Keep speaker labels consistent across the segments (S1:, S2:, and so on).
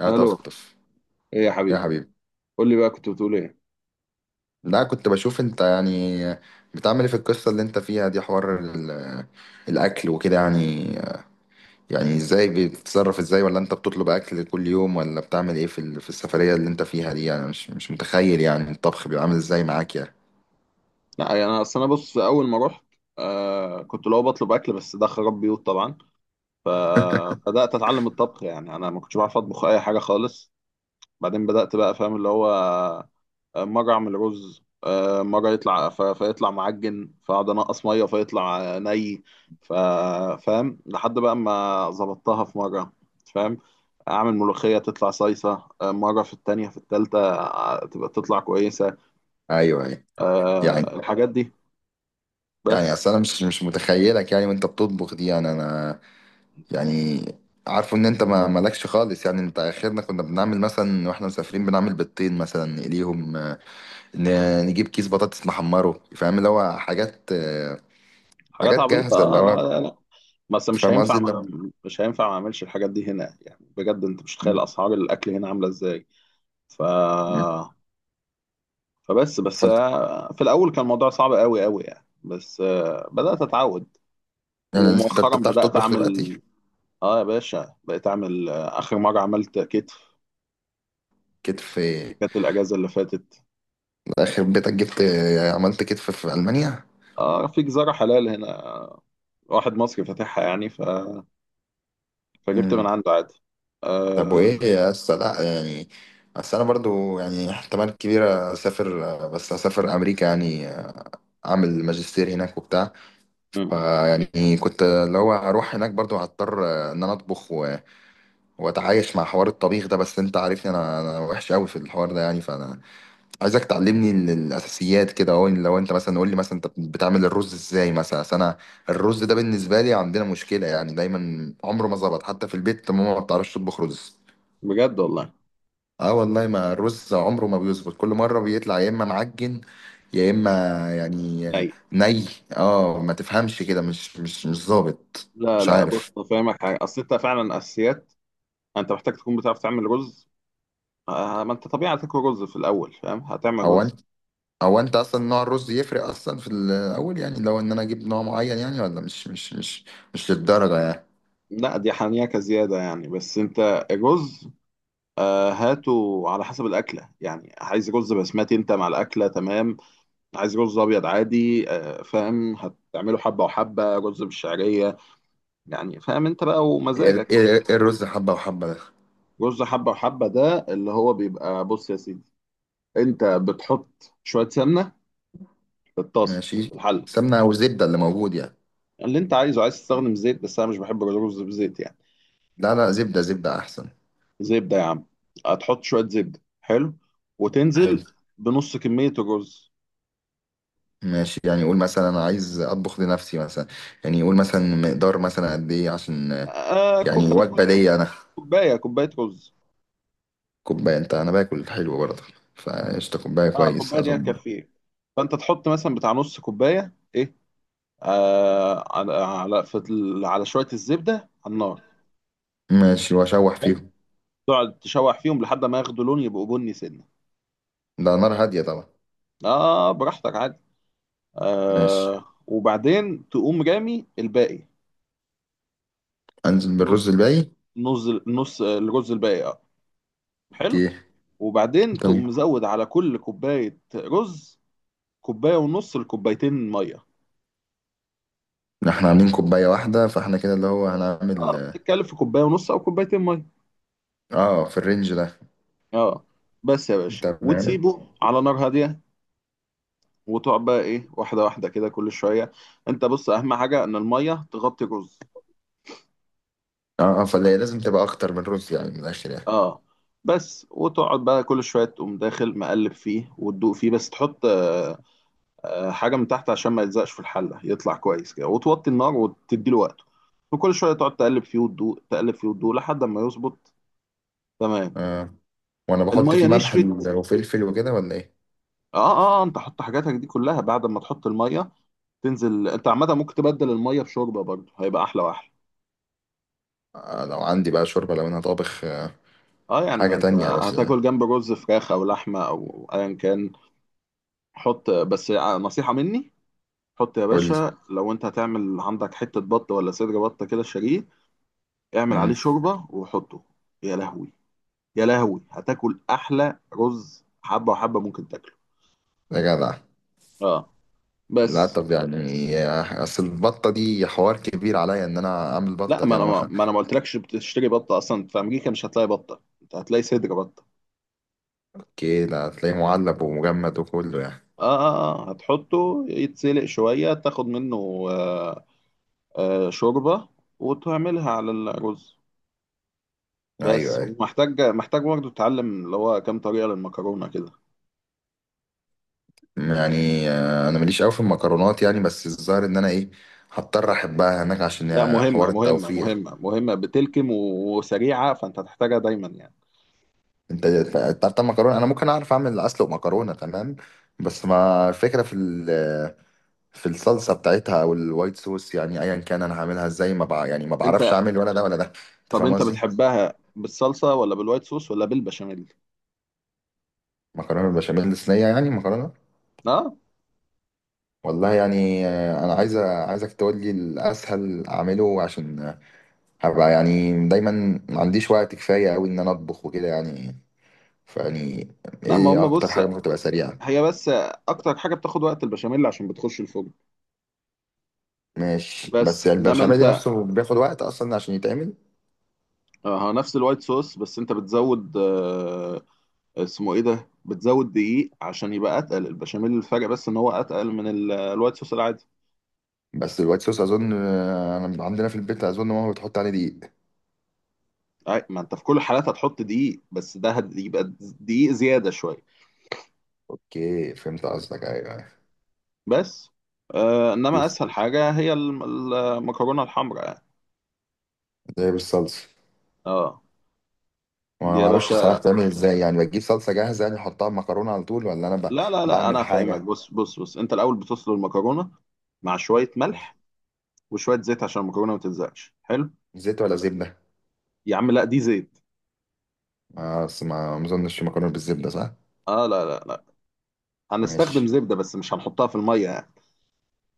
S1: يا
S2: الو.
S1: طفطف،
S2: ايه يا
S1: يا
S2: حبيبي؟
S1: حبيبي.
S2: قول لي بقى، كنت بتقول ايه؟
S1: لا، كنت بشوف انت يعني بتعمل ايه في القصة اللي انت فيها دي، حوار الاكل وكده يعني. يعني ازاي بتتصرف؟ ازاي، ولا انت بتطلب اكل كل يوم، ولا بتعمل ايه في في السفرية اللي انت فيها دي يعني؟ مش متخيل يعني الطبخ بيبقى عامل ازاي معاك يعني.
S2: لا يعني انا، اصل انا بص اول ما رحت، كنت لو بطلب اكل، بس ده خراب بيوت طبعا. فبدات اتعلم الطبخ، يعني انا ما كنتش بعرف اطبخ اي حاجه خالص. بعدين بدات بقى فاهم اللي هو مره اعمل رز، مره يطلع فيطلع معجن، فاقعد انقص ميه فيطلع ني، ف- فاهم لحد بقى ما ظبطتها في مره. فاهم؟ اعمل ملوخيه تطلع صيصه، مره، في التانية، في التالتة تبقى تطلع كويسه.
S1: ايوه، ايوه.
S2: آه،
S1: يعني،
S2: الحاجات دي بس.
S1: اصل انا مش متخيلك يعني وانت بتطبخ دي، يعني انا يعني عارفه ان انت ما مالكش خالص يعني. انت اخرنا كنا بنعمل مثلا، واحنا مسافرين بنعمل بيضتين مثلا نقليهم، نجيب كيس بطاطس نحمره، فاهم اللي هو حاجات
S2: حاجات
S1: حاجات
S2: عبيطة،
S1: جاهزة اللي
S2: اه، لا
S1: هو.
S2: لا لا. بس مش
S1: فاهم
S2: هينفع،
S1: قصدي اللي هو
S2: ما مش هينفع ما اعملش الحاجات دي هنا، يعني بجد انت مش متخيل
S1: م-
S2: اسعار الاكل هنا عاملة ازاي. ف
S1: م-
S2: فبس بس،
S1: فانت-
S2: في الاول كان الموضوع صعب قوي قوي يعني، بس بدأت اتعود،
S1: يعني
S2: ومؤخرا
S1: انت بتعرف
S2: بدأت
S1: تطبخ دلوقتي؟
S2: اعمل. اه يا باشا، بقيت اعمل، اخر مرة عملت كتف،
S1: كتف.
S2: كانت الاجازة اللي فاتت.
S1: اخر بيتك جبت، عملت كتف في ألمانيا.
S2: اه، في جزارة حلال هنا، آه، واحد مصري فاتحها يعني، فجبت من
S1: مم.
S2: عنده عادي.
S1: طب
S2: آه،
S1: وايه يا اسطى، لا يعني. بس انا برضو يعني احتمال كبير اسافر، بس اسافر امريكا يعني، اعمل ماجستير هناك وبتاع. فيعني كنت اللي هو اروح هناك برضو هضطر، ان انا اطبخ واتعايش مع حوار الطبيخ ده. بس انت عارفني، انا وحش قوي في الحوار ده يعني. فانا عايزك تعلمني الاساسيات كده اهو. لو انت مثلا قول لي مثلا انت بتعمل الرز ازاي مثلا. أصل انا الرز ده بالنسبه لي عندنا مشكله يعني، دايما عمره ما ظبط، حتى في البيت ماما ما بتعرفش تطبخ رز.
S2: بجد والله.
S1: اه والله، ما الرز عمره ما بيظبط، كل مره بيطلع يا اما معجن، يا اما يعني
S2: اي،
S1: ني. اه، ما تفهمش كده، مش ظابط.
S2: لا
S1: مش
S2: لا، بص
S1: عارف.
S2: فاهمك حاجه، اصل انت فعلا اساسيات، انت محتاج تكون بتعرف تعمل رز. آه، ما انت طبيعي هتاكل رز في الاول، فاهم؟ هتعمل
S1: هو،
S2: رز،
S1: انت اصلا نوع الرز يفرق اصلا في الاول يعني؟ لو ان انا اجيب نوع معين يعني، ولا مش مش للدرجه يعني.
S2: لا دي حنيكه زياده يعني، بس انت الرز هاته على حسب الاكله، يعني عايز رز بسمتي انت مع الاكله تمام، عايز رز ابيض عادي، فاهم؟ هتعمله حبه وحبه، رز بالشعريه يعني، فاهم؟ انت بقى
S1: ايه،
S2: ومزاجك.
S1: الرز حبه وحبه ده؟
S2: رز حبه وحبه ده اللي هو بيبقى، بص يا سيدي، انت بتحط شويه سمنه في الطاسه،
S1: ماشي.
S2: في الحله،
S1: سمنه او زبده اللي موجود يعني؟
S2: اللي انت عايزه. عايز تستخدم زيت، بس انا مش بحب الرز بزيت يعني.
S1: لا لا، زبده، زبده احسن.
S2: زبده يا عم. هتحط شويه زبده، حلو،
S1: حلو.
S2: وتنزل بنص كميه الرز.
S1: ماشي يعني، قول مثلا انا عايز اطبخ لنفسي مثلا. يعني قول مثلا مقدار مثلا قد ايه عشان
S2: آه،
S1: يعني
S2: كوبايه
S1: وجبه
S2: رز.
S1: ليا انا.
S2: كوبايه، كوبايه رز.
S1: كوبايه، انت انا باكل حلو برضه، فقشطه كوبايه
S2: اه
S1: كويس
S2: كوبايه دي
S1: اظن.
S2: هتكفيه. فانت تحط مثلا بتاع نص كوبايه، ايه، آه، على شويه الزبده على النار.
S1: ماشي، واشوح
S2: حلو.
S1: فيهم.
S2: تقعد تشوح فيهم لحد ما ياخدوا لون، يبقوا بني سنه.
S1: ده نار هاديه طبعا.
S2: اه براحتك عادي.
S1: ماشي،
S2: آه، وبعدين تقوم رامي الباقي.
S1: انزل بالرز
S2: النص،
S1: الباقي.
S2: نص نص الرز الباقي، اه،
S1: اوكي.
S2: حلو. وبعدين تقوم
S1: تمام،
S2: مزود على كل كوباية رز، كوباية ونص لكوبايتين مية.
S1: احنا عاملين كوباية واحدة، فاحنا كده اللي هو هنعمل.
S2: اه بتتكلم في كوباية ونص أو كوبايتين مية.
S1: اه، في الرينج ده.
S2: اه. بس يا باشا،
S1: تمام.
S2: وتسيبه على نار هادية، وتقعد بقى إيه، واحدة واحدة كده كل شوية. أنت بص، أهم حاجة إن المية تغطي الرز.
S1: اه اه، فاللي هي لازم تبقى اكتر من رز يعني، من الاخر يعني.
S2: اه بس، وتقعد بقى كل شوية تقوم داخل مقلب فيه وتدوق فيه، بس تحط حاجه من تحت عشان ما يلزقش في الحله، يطلع كويس كده، وتوطي النار وتدي له وقته، وكل شويه تقعد تقلب فيه وتدوق، تقلب فيه وتدوق لحد ما يظبط. تمام؟
S1: آه. وانا بحط
S2: الميه
S1: فيه ملح
S2: نشفت؟
S1: وفلفل وكده ولا ايه؟
S2: اه اه، انت حط حاجاتك دي كلها بعد ما تحط الميه. تنزل انت عامه، ممكن تبدل الميه بشوربه برضه، هيبقى احلى واحلى.
S1: آه، لو عندي بقى شوربة لو انا طابخ،
S2: اه، يعني ما
S1: حاجة
S2: انت
S1: تانية بس،
S2: هتاكل جنب رز فراخ او لحمه او ايا كان. حط، بس نصيحه مني، حط يا
S1: قول لي.
S2: باشا، لو انت هتعمل عندك حته بط ولا صدر بط كده، شاريه، اعمل عليه
S1: مم،
S2: شوربه وحطه. يا لهوي يا لهوي، هتاكل احلى رز حبه وحبه ممكن تاكله.
S1: يا جدع.
S2: اه،
S1: لا
S2: بس.
S1: طب يعني، اصل البطة دي حوار كبير عليا ان انا اعمل
S2: لا،
S1: بطة دي، انا ما.
S2: ما انا ما قلتلكش؟ بتشتري بطه اصلا؟ في امريكا مش هتلاقي بطه، انت هتلاقي صدر بطه.
S1: كده هتلاقيه معلب ومجمد وكله يعني.
S2: اه اه اه، هتحطه يتسلق شويه، تاخد منه شوربه، وتعملها على الرز.
S1: ايوه،
S2: بس.
S1: ايوه.
S2: ومحتاج، محتاج برضه تتعلم اللي هو كام طريقه للمكرونه كده.
S1: يعني، انا ماليش قوي في المكرونات يعني، بس الظاهر ان انا ايه، هضطر احبها هناك عشان،
S2: لا،
S1: حوار
S2: مهمه مهمه
S1: التوفير.
S2: مهمه مهمه، بتلكم وسريعه، فانت هتحتاجها دايما يعني.
S1: انت، بتاع المكرونه، انا ممكن اعرف اعمل اسلق مكرونه تمام. بس ما الفكره في في الصلصه بتاعتها او الوايت صوص، يعني ايا كان انا هعملها ازاي، ما بع... يعني ما
S2: انت،
S1: بعرفش اعمل ولا ده ولا ده. انت
S2: طب
S1: فاهم
S2: انت
S1: قصدي؟
S2: بتحبها بالصلصه ولا بالوايت صوص ولا بالبشاميل؟
S1: مكرونه بالبشاميل، صينيه يعني مكرونه.
S2: اه،
S1: والله يعني، انا عايز، عايزك تقول لي الاسهل اعمله، عشان هبقى يعني دايما ما عنديش وقت كفاية أوي إن أنا أطبخ وكده يعني. فيعني
S2: لا ما
S1: إيه
S2: هم،
S1: أكتر
S2: بص،
S1: حاجة ممكن تبقى سريعة؟
S2: هي بس اكتر حاجه بتاخد وقت البشاميل عشان بتخش الفرن.
S1: ماشي، بس
S2: بس انما
S1: البشاميل
S2: انت
S1: نفسه بياخد وقت أصلا عشان يتعمل.
S2: اه، نفس الوايت صوص، بس انت بتزود اسمه ايه ده، بتزود دقيق عشان يبقى اتقل البشاميل، الفرق بس ان هو اتقل من الوايت صوص العادي.
S1: بس الوايت صوص أظن، أنا عندنا في البيت أظن ماما بتحط عليه دقيق.
S2: اي، ما انت في كل الحالات هتحط دقيق، بس ده يبقى دقيق زياده شويه.
S1: أوكي، فهمت قصدك. أيوه، أيوة.
S2: بس، انما اسهل حاجه هي المكرونه الحمراء يعني.
S1: زي بالصلصة.
S2: اه دي
S1: ما
S2: يا
S1: معرفش الصراحة
S2: باشا،
S1: بتعمل إزاي يعني، بجيب صلصة جاهزة يعني أحطها مكرونة على طول، ولا أنا ب...
S2: لا لا لا،
S1: بعمل
S2: انا فاهمك،
S1: حاجة؟
S2: بص بص بص، انت الاول بتسلق المكرونه مع شويه ملح وشويه زيت عشان المكرونه ما تلزقش، حلو.
S1: زيت ولا زبدة؟
S2: يا عم لا، دي زيت.
S1: ما أصل، ما ما أظنش مكرونة بالزبدة، صح؟
S2: اه لا لا لا، هنستخدم
S1: ماشي.
S2: زبده بس مش هنحطها في الميه يعني.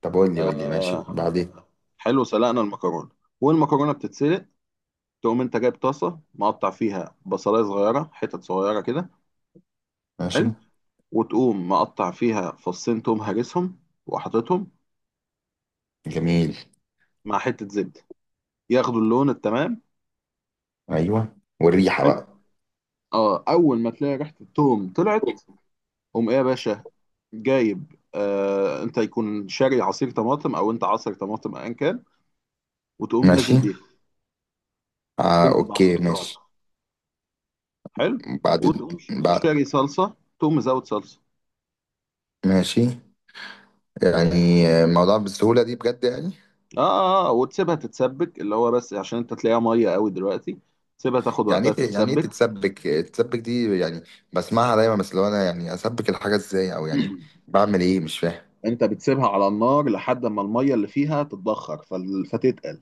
S1: طب قول لي، قول لي ماشي
S2: آه،
S1: بعدين.
S2: حلو، سلقنا المكرونه، والمكرونه بتتسلق، تقوم انت جايب طاسه مقطع فيها بصلايه صغيره، حتت صغيره كده، حلو،
S1: ماشي.
S2: وتقوم مقطع فيها فصين توم هرسهم وحاططهم
S1: جميل.
S2: مع حته زبده، ياخدوا اللون التمام.
S1: ايوه، والريحه
S2: حلو.
S1: بقى.
S2: اه، اول ما تلاقي ريحه التوم طلعت، قوم ايه يا باشا، جايب، انت يكون شاري عصير طماطم، او انت عصير طماطم ايا كان، وتقوم
S1: ماشي.
S2: نازل بيها.
S1: آه،
S2: تنزل بعصير
S1: اوكي،
S2: طماطم،
S1: ماشي.
S2: حلو،
S1: بعد ال...
S2: وتقوم
S1: بعد.
S2: شاري صلصه، تقوم مزود صلصه.
S1: ماشي، يعني، الموضوع بالسهوله دي بجد يعني؟
S2: وتسيبها تتسبك، اللي هو بس عشان انت تلاقيها ميه قوي دلوقتي، تسيبها تاخد
S1: يعني
S2: وقتها
S1: ايه يعني ايه
S2: تتسبك.
S1: تتسبك؟ تتسبك دي يعني بسمعها دايما، بس لو انا يعني اسبك الحاجه ازاي، او يعني بعمل ايه، مش فاهم.
S2: انت بتسيبها على النار لحد ما الميه اللي فيها تتبخر، فتتقل،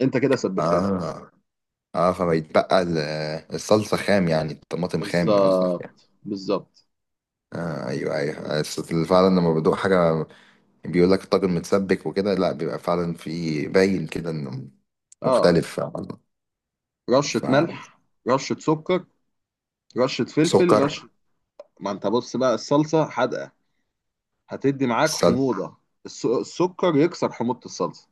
S2: انت كده سبكتها.
S1: اه اه، فبيتبقى الصلصه خام، يعني الطماطم خام قصدك
S2: بالظبط،
S1: يعني؟
S2: بالظبط.
S1: آه ايوه ايوه، بس فعلا لما بدوق حاجه بيقول لك الطاجن متسبك وكده، لا بيبقى فعلا في باين كده انه
S2: اه،
S1: مختلف عن...
S2: رشه ملح، رشه سكر، رشة فلفل،
S1: فسكر.
S2: رشة. ما انت بص بقى، الصلصة حادقة، هتدي معاك
S1: السل
S2: حموضة، السكر يكسر حموضة الصلصة.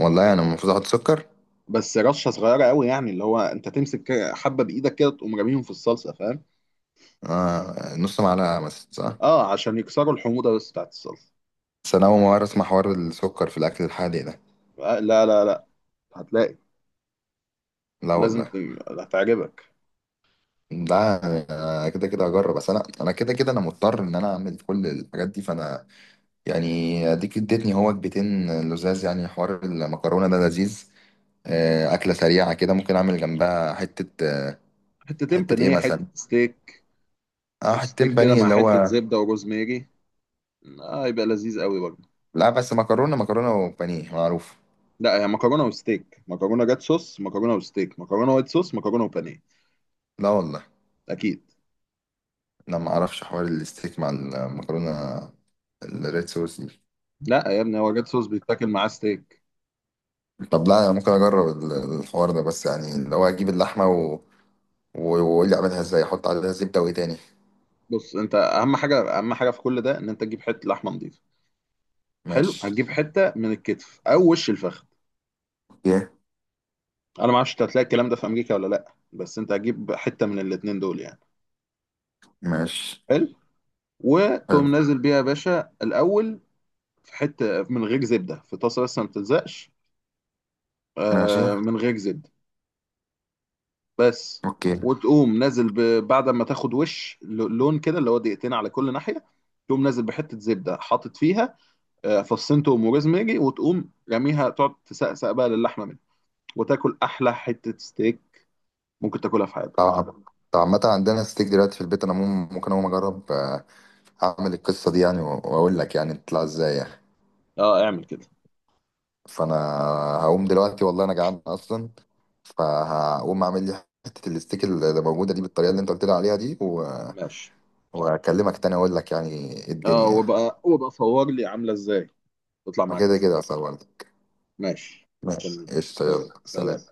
S1: والله، انا المفروض احط سكر؟
S2: بس رشة صغيرة قوي يعني، اللي هو انت تمسك كده حبة بإيدك كده، تقوم راميهم في الصلصة، فاهم؟
S1: آه، نص معلقه مثلا صح؟
S2: اه، عشان يكسروا الحموضة بس بتاعت الصلصة.
S1: بس انا اول مره اسمع حوار السكر في الاكل الحادق ده.
S2: آه، لا لا لا، هتلاقي،
S1: لا
S2: لازم
S1: والله.
S2: هتعجبك.
S1: ده أنا كده كده هجرب، بس انا كده كده انا مضطر ان انا اعمل كل الحاجات دي، فانا يعني اديك اديتني هو وجبتين لزاز يعني. حوار المكرونه ده لذيذ، اكله سريعه كده ممكن اعمل جنبها حته،
S2: حتتين
S1: حته ايه
S2: بانيه، حتة
S1: مثلا؟
S2: ستيك،
S1: اه، حتتين
S2: ستيك كده
S1: بانيه
S2: مع
S1: اللي
S2: حتة
S1: هو.
S2: زبدة وروزميري، اه يبقى لذيذ قوي برضه.
S1: لا بس مكرونه، وبانيه معروف.
S2: لا، هي مكرونة وستيك، مكرونة جات صوص، مكرونة وستيك، مكرونة وايت صوص، مكرونة وبانيه.
S1: لا والله،
S2: اكيد.
S1: انا ما اعرفش حوار الستيك مع المكرونه الريد صوص دي.
S2: لا يا ابني، هو جات صوص بيتاكل معاه ستيك.
S1: طب لا، انا ممكن اجرب الحوار ده، بس يعني اللي هو اجيب اللحمه واقول لي اعملها ازاي، احط عليها زبده وايه تاني؟
S2: بص انت، اهم حاجه، اهم حاجه في كل ده، ان انت تجيب حته لحمه نظيفه. حلو.
S1: ماشي.
S2: هتجيب حته من الكتف او وش الفخذ.
S1: اوكي.
S2: انا ما اعرفش انت هتلاقي الكلام ده في امريكا ولا لا، بس انت هتجيب حته من الاتنين دول يعني.
S1: ماشي.
S2: حلو.
S1: حلو.
S2: وتقوم نازل بيها يا باشا الاول، في حته من غير زبده في طاسه بس ما بتلزقش،
S1: ماشي.
S2: آه، من غير زبده بس.
S1: اوكي.
S2: وتقوم نازل بعد ما تاخد وش لون كده، اللي هو دقيقتين على كل ناحيه، تقوم نازل بحته زبده، حاطط فيها فصين توم وروزماري، وتقوم راميها تقعد تسقسق بقى للحمه منها، وتاكل احلى حته ستيك ممكن تاكلها في حياتك.
S1: طبعا. طب عامة عندنا ستيك دلوقتي في البيت، انا ممكن اقوم اجرب، اعمل القصه دي يعني، واقول لك يعني بتطلع ازاي يعني.
S2: اه اعمل كده.
S1: فانا هقوم دلوقتي، والله انا جعان اصلا. فهقوم اعمل لي حته الستيك اللي موجوده دي بالطريقه اللي انت قلت لي عليها دي.
S2: ماشي.
S1: واكلمك تاني اقول لك يعني إيه
S2: اه،
S1: الدنيا يعني.
S2: وبقى وبقى صور لي عامله ازاي، تطلع
S1: ما
S2: معاك
S1: كده
S2: ازاي.
S1: كده اصلا برضه.
S2: ماشي،
S1: ماشي،
S2: مستني.
S1: قشطة،
S2: يلا
S1: يلا سلام.
S2: سلام.